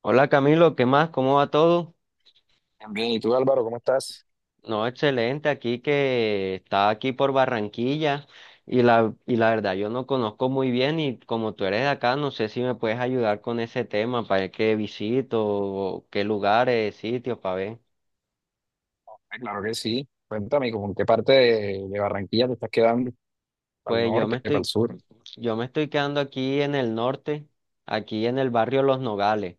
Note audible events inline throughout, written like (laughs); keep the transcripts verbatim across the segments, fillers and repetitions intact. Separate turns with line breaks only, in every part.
Hola Camilo, ¿qué más? ¿Cómo va todo?
Bien, bien. ¿Y tú, Álvaro, cómo estás?
No, excelente, aquí que está aquí por Barranquilla y la, y la verdad yo no conozco muy bien y como tú eres de acá, no sé si me puedes ayudar con ese tema, para ver qué visito, o qué lugares, sitios, para ver.
Ah, claro que sí. Cuéntame, ¿con qué parte de, de Barranquilla te estás quedando? ¿Para el
Pues yo
norte,
me
para el
estoy,
sur?
yo me estoy quedando aquí en el norte, aquí en el barrio Los Nogales.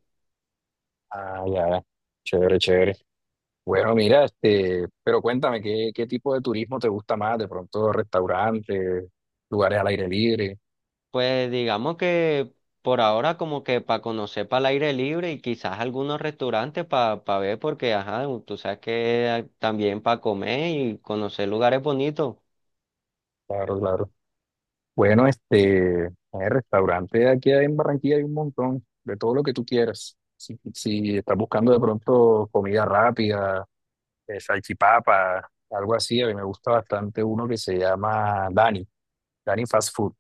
Ah, ya, ya. Chévere, chévere. Bueno, mira, este, pero cuéntame, ¿qué, qué tipo de turismo te gusta más? De pronto, restaurantes, lugares al aire libre.
Pues digamos que por ahora como que para conocer para el aire libre y quizás algunos restaurantes para ver porque, ajá, tú sabes que hay también para comer y conocer lugares bonitos.
Claro, claro. Bueno, este, el restaurante aquí en Barranquilla hay un montón, de todo lo que tú quieras. Si, si estás buscando de pronto comida rápida, eh, salchipapa, algo así. A mí me gusta bastante uno que se llama Dani, Dani Fast Food.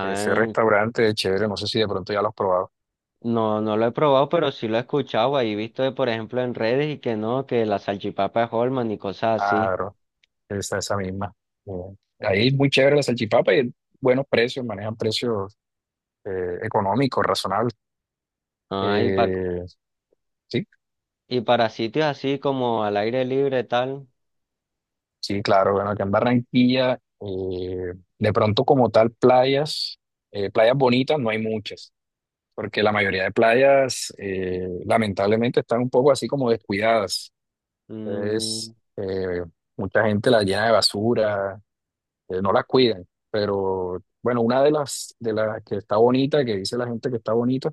Ese restaurante es chévere, no sé si de pronto ya lo has probado.
no, no lo he probado, pero sí lo he escuchado. Ahí he visto, eh, por ejemplo, en redes y que no, que la salchipapa es Holman y cosas
Ah,
así.
bro, esa, esa misma. Eh, Ahí es muy chévere la salchipapa y buenos precios, manejan precios eh, económicos, razonables.
Ah, y, pa-
Eh, sí,
y para sitios así como al aire libre tal.
sí, claro. Bueno, acá en Barranquilla, eh, de pronto como tal playas, eh, playas bonitas no hay muchas porque la mayoría de playas eh, lamentablemente están un poco así como descuidadas.
Mm,
Entonces, eh, mucha gente la llena de basura, eh, no la cuidan. Pero bueno, una de las, de las que está bonita, que dice la gente que está bonita,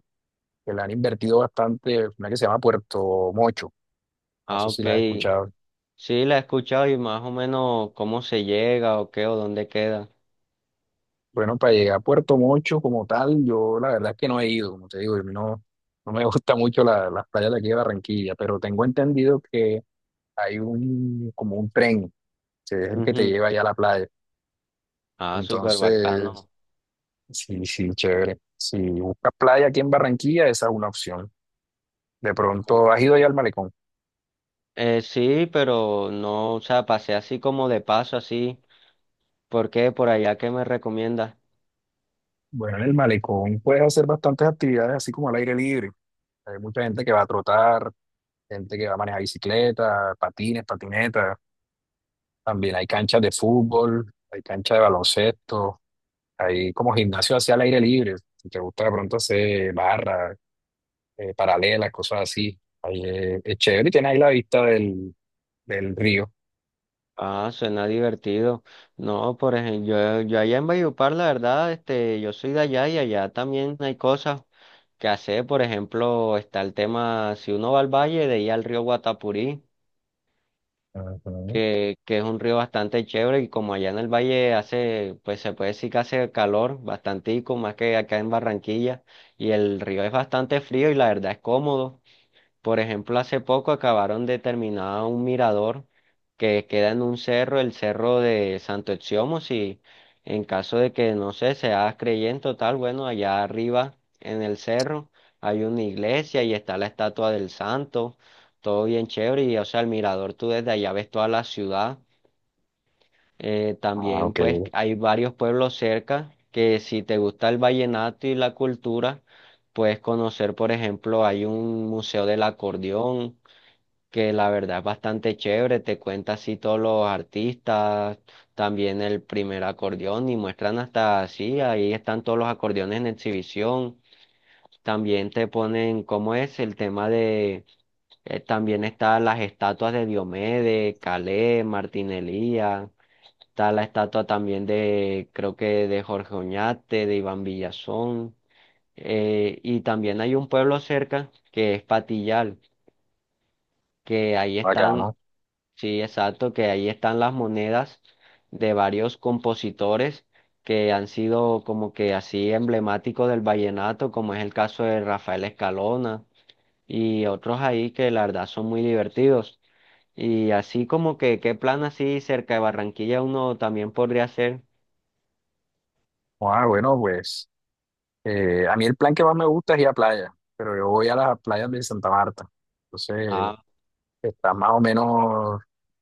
que la han invertido bastante, una que se llama Puerto Mocho. No
ah,
sé si
ok.
la has escuchado.
Sí, la he escuchado y más o menos cómo se llega o qué o dónde queda.
Bueno, para llegar a Puerto Mocho como tal, yo la verdad es que no he ido, como te digo, a mí no, no me (laughs) gusta mucho la- las playas de aquí de Barranquilla, pero tengo entendido que hay un, como un tren, que es el que te
Ujú.
lleva allá a la playa.
Ah, súper
Entonces,
bacano.
sí, sí, chévere. Si buscas playa aquí en Barranquilla, esa es una opción. De pronto, ¿has ido ya al malecón?
Eh, sí, pero no, o sea, pasé así como de paso, así. ¿Por qué? Por allá, ¿qué me recomiendas?
Bueno, en el malecón puedes hacer bastantes actividades así como al aire libre. Hay mucha gente que va a trotar, gente que va a manejar bicicleta, patines, patinetas. También hay
Ah,
canchas de fútbol, hay canchas de baloncesto, hay como gimnasio hacia al aire libre. Si te gusta de pronto hacer barras, eh, paralelas, cosas así. Ahí, eh, es chévere y tienes ahí la vista del, del río.
ah, suena divertido. No, por ejemplo, yo, yo allá en Valledupar, la verdad, este, yo soy de allá y allá también hay cosas que hacer. Por ejemplo, está el tema, si uno va al valle, de ir al río Guatapurí.
Ujú.
que, que es un río bastante chévere y como allá en el valle hace, pues se puede decir que hace calor bastantico, más que acá en Barranquilla, y el río es bastante frío y la verdad es cómodo. Por ejemplo, hace poco acabaron de terminar un mirador que queda en un cerro, el cerro de Santo Exiomus, y en caso de que, no sé, seas creyente o tal, bueno, allá arriba en el cerro hay una iglesia y está la estatua del santo, todo bien chévere, y o sea, el mirador tú desde allá ves toda la ciudad. Eh,
Ah,
también
ok,
pues hay varios pueblos cerca que si te gusta el vallenato y la cultura, puedes conocer, por ejemplo, hay un museo del acordeón que la verdad es bastante chévere, te cuenta así todos los artistas, también el primer acordeón y muestran hasta así, ahí están todos los acordeones en exhibición, también te ponen cómo es el tema de, eh, también están las estatuas de Diomedes, Calais, Martín Elías, está la estatua también de, creo que de Jorge Oñate, de Iván Villazón, eh, y también hay un pueblo cerca que es Patillal, que ahí
acá,
están. Sí, exacto, que ahí están las monedas de varios compositores que han sido como que así emblemáticos del vallenato, como es el caso de Rafael Escalona y otros ahí que la verdad son muy divertidos. Y así como que, ¿qué plan así cerca de Barranquilla uno también podría hacer?
ah, bueno, pues eh, a mí el plan que más me gusta es ir a playa, pero yo voy a las playas de Santa Marta. Entonces,
Ah,
está más o menos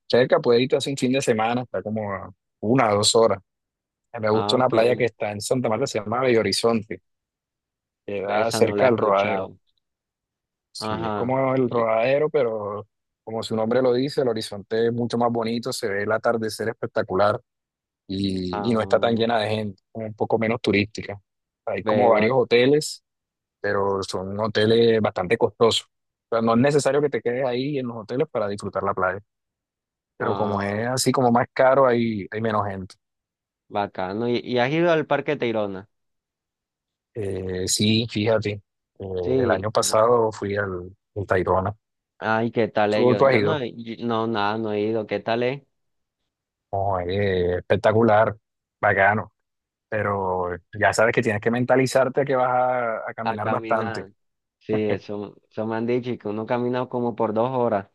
cerca, puede irte hace un fin de semana, está como a una o dos horas. Me
ah,
gusta una
ok,
playa que está en Santa Marta, se llama Bello Horizonte,
ve,
queda
esa no la
cerca
he
del Rodadero.
escuchado.
Sí, es
Ajá,
como el
y,
Rodadero, pero como su nombre lo dice, el horizonte es mucho más bonito, se ve el atardecer espectacular y, y no está tan
ah,
llena de gente, como un poco menos turística. Hay como
ve, bac-
varios hoteles, pero son hoteles bastante costosos. O sea, no es necesario que te quedes ahí en los hoteles para disfrutar la playa, pero como
ah,
es así como más caro, hay, hay menos gente.
bacano. ¿Y, y has ido al Parque Tayrona?
Eh, sí, fíjate, eh, el
Sí,
año pasado fui al, al Tayrona.
ay, ¿qué tal es?
¿Tú,
Yo,
tú has
yo no,
ido?
he- yo- no, nada, no he ido. ¿Qué tal es?
Oh, eh, espectacular, bacano, pero ya sabes que tienes que mentalizarte que vas a, a
A
caminar bastante.
caminar. Sí, eso, eso me han dicho y que uno camina como por dos horas.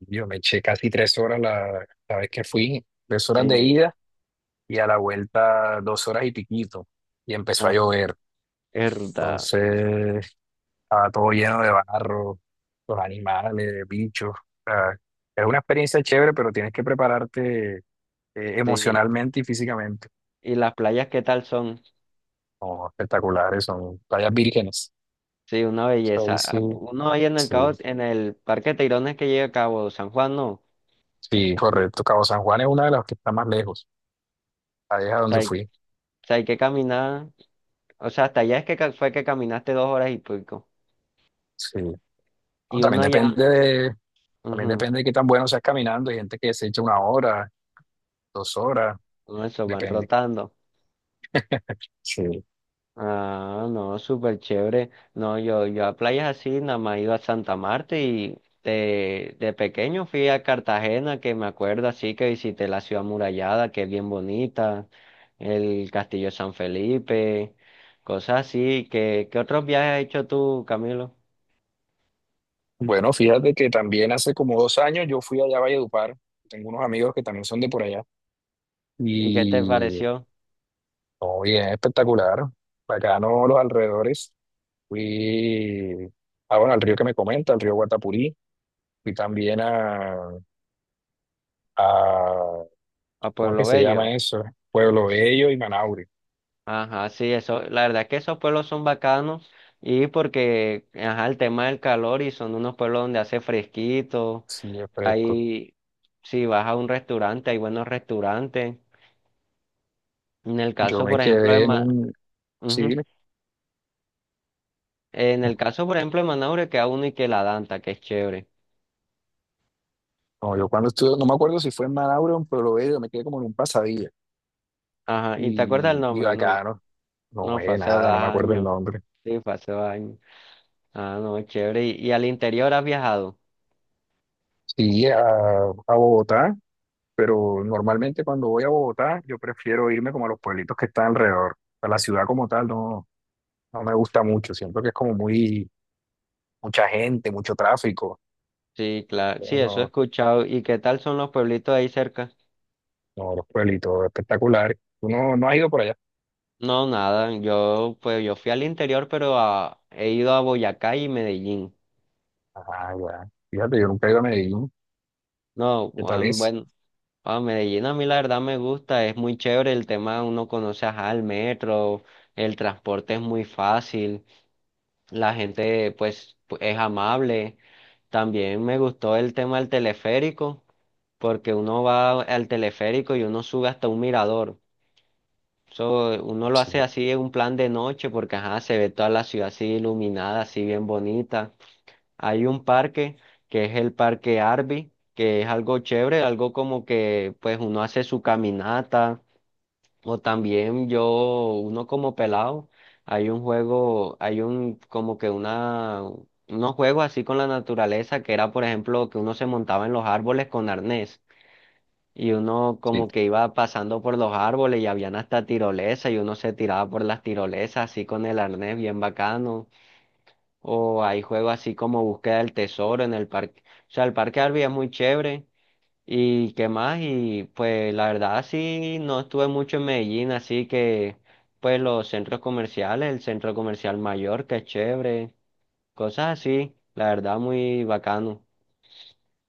Yo me eché casi tres horas la, la vez que fui, tres horas de
Sí,
ida y a la vuelta dos horas y piquito, y empezó a
ajá,
llover.
es verdad.
Entonces estaba todo lleno de barro, los animales, bichos. O sea, es una experiencia chévere, pero tienes que prepararte eh,
Sí,
emocionalmente y físicamente.
y las playas, ¿qué tal son?
Son espectaculares, son playas vírgenes.
Sí, una
O sea, ahí
belleza.
sí,
Ah, pu- uno ahí en el
sí,
cabo, en el Parque Teirones que llega a Cabo San Juan, no. O
sí, correcto. Cabo San Juan es una de las que está más lejos. Ahí es a
sea,
donde
hay,
fui.
o sea, hay que caminar. O sea, hasta allá es que ca- fue que caminaste dos horas y pico.
Sí. No,
Y uno
también depende
allá,
de, también
ujú,
depende de qué tan bueno seas caminando. Hay gente que se echa una hora, dos horas,
uno eso van
depende.
rotando.
Sí.
Ah, no, súper chévere. No, yo, yo a playas así, nada más he ido a Santa Marta y de, de pequeño fui a Cartagena, que me acuerdo así que visité la ciudad amurallada, que es bien bonita, el Castillo de San Felipe, cosas así. ¿Qué, qué otros viajes has hecho tú, Camilo?
Bueno, fíjate que también hace como dos años yo fui allá a Valledupar. Tengo unos amigos que también son de por allá.
¿Y qué te
Y
pareció
no, bien espectacular. Bacano los alrededores. Fui ah, bueno, al río que me comenta, al río Guatapurí. Fui también a, a
a
¿cómo es
Pueblo
que se
Bello?
llama eso? Pueblo Bello y Manaure.
Ajá, sí, eso, la verdad es que esos pueblos son bacanos y porque, ajá, el tema del calor y son unos pueblos donde hace fresquito.
Sí, es fresco.
Ahí, si vas a un restaurante, hay buenos restaurantes. En el
Yo
caso,
me
por ejemplo, de
quedé en
Ma-
un, sí, (laughs)
Ujú.
dime.
En el caso, por ejemplo, de Manaure queda uno y que la Danta, que es chévere.
No, yo cuando estuve, no me acuerdo si fue en Manaure o en Pueblo Bello, me quedé como en un pasadilla.
Ajá, ¿y te acuerdas el
Y, y
nombre? No,
bacano. No,
no, fue
eh,
hace dos
nada, no me acuerdo el
años.
nombre.
Sí, fue hace dos años. Ah, no, chévere. ¿Y, y al interior has viajado?
Sí, a, a Bogotá, pero normalmente cuando voy a Bogotá, yo prefiero irme como a los pueblitos que están alrededor. A la ciudad como tal no, no me gusta mucho. Siento que es como muy, mucha gente, mucho tráfico.
Sí, claro. Sí,
Entonces,
eso he
no,
escuchado. ¿Y qué tal son los pueblitos ahí cerca?
no, los pueblitos espectaculares. ¿Tú no, no has ido por allá?
No, nada. Yo, pues, yo fui al interior, pero a- he ido a Boyacá y Medellín.
Ah, ya. Fíjate, yo nunca he ido a Medellín.
No,
¿Qué tal es?
bueno, ah, Medellín a mí la verdad me gusta, es muy chévere el tema, uno conoce ajá, el metro, el transporte es muy fácil, la gente pues pu- es amable. También me gustó el tema del teleférico, porque uno va al teleférico y uno sube hasta un mirador. Eso uno
No,
lo
sí,
hace así en un plan de noche porque ajá, se ve toda la ciudad así iluminada, así bien bonita. Hay un parque que es el Parque Arby, que es algo chévere, algo como que pues uno hace su caminata o también yo, uno como pelado, hay un juego, hay un como que una, unos juegos así con la naturaleza que era por ejemplo que uno se montaba en los árboles con arnés y uno
sí.
como que iba pasando por los árboles y habían hasta tirolesa y uno se tiraba por las tirolesas así con el arnés bien bacano. O hay juegos así como búsqueda del tesoro en el parque. O sea, el parque Arby es muy chévere. ¿Y qué más? Y pues la verdad sí, no estuve mucho en Medellín, así que pues los centros comerciales, el centro comercial mayor, que es chévere, cosas así, la verdad muy bacano.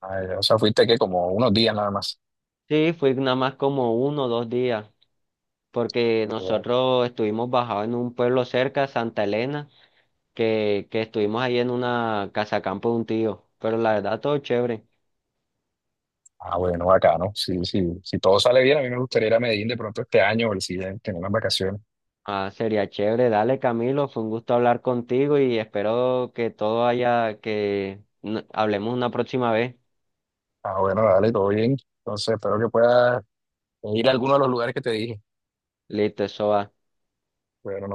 Ah, ya. O sea, fuiste que como unos días nada más.
Sí, fui nada más como uno o dos días, porque nosotros estuvimos bajados en un pueblo cerca, Santa Elena, que, que estuvimos ahí en una casa campo de un tío, pero la verdad todo chévere.
Ah, bueno, bacano. Sí, sí. Si todo sale bien, a mí me gustaría ir a Medellín de pronto este año o el siguiente, en unas vacaciones.
Ah, sería chévere. Dale, Camilo, fue un gusto hablar contigo y espero que todo haya, que n- hablemos una próxima vez.
Ah, bueno, dale, todo bien. Entonces, espero que puedas ir a alguno de los lugares que te dije.
Listo, eso va.
Bueno,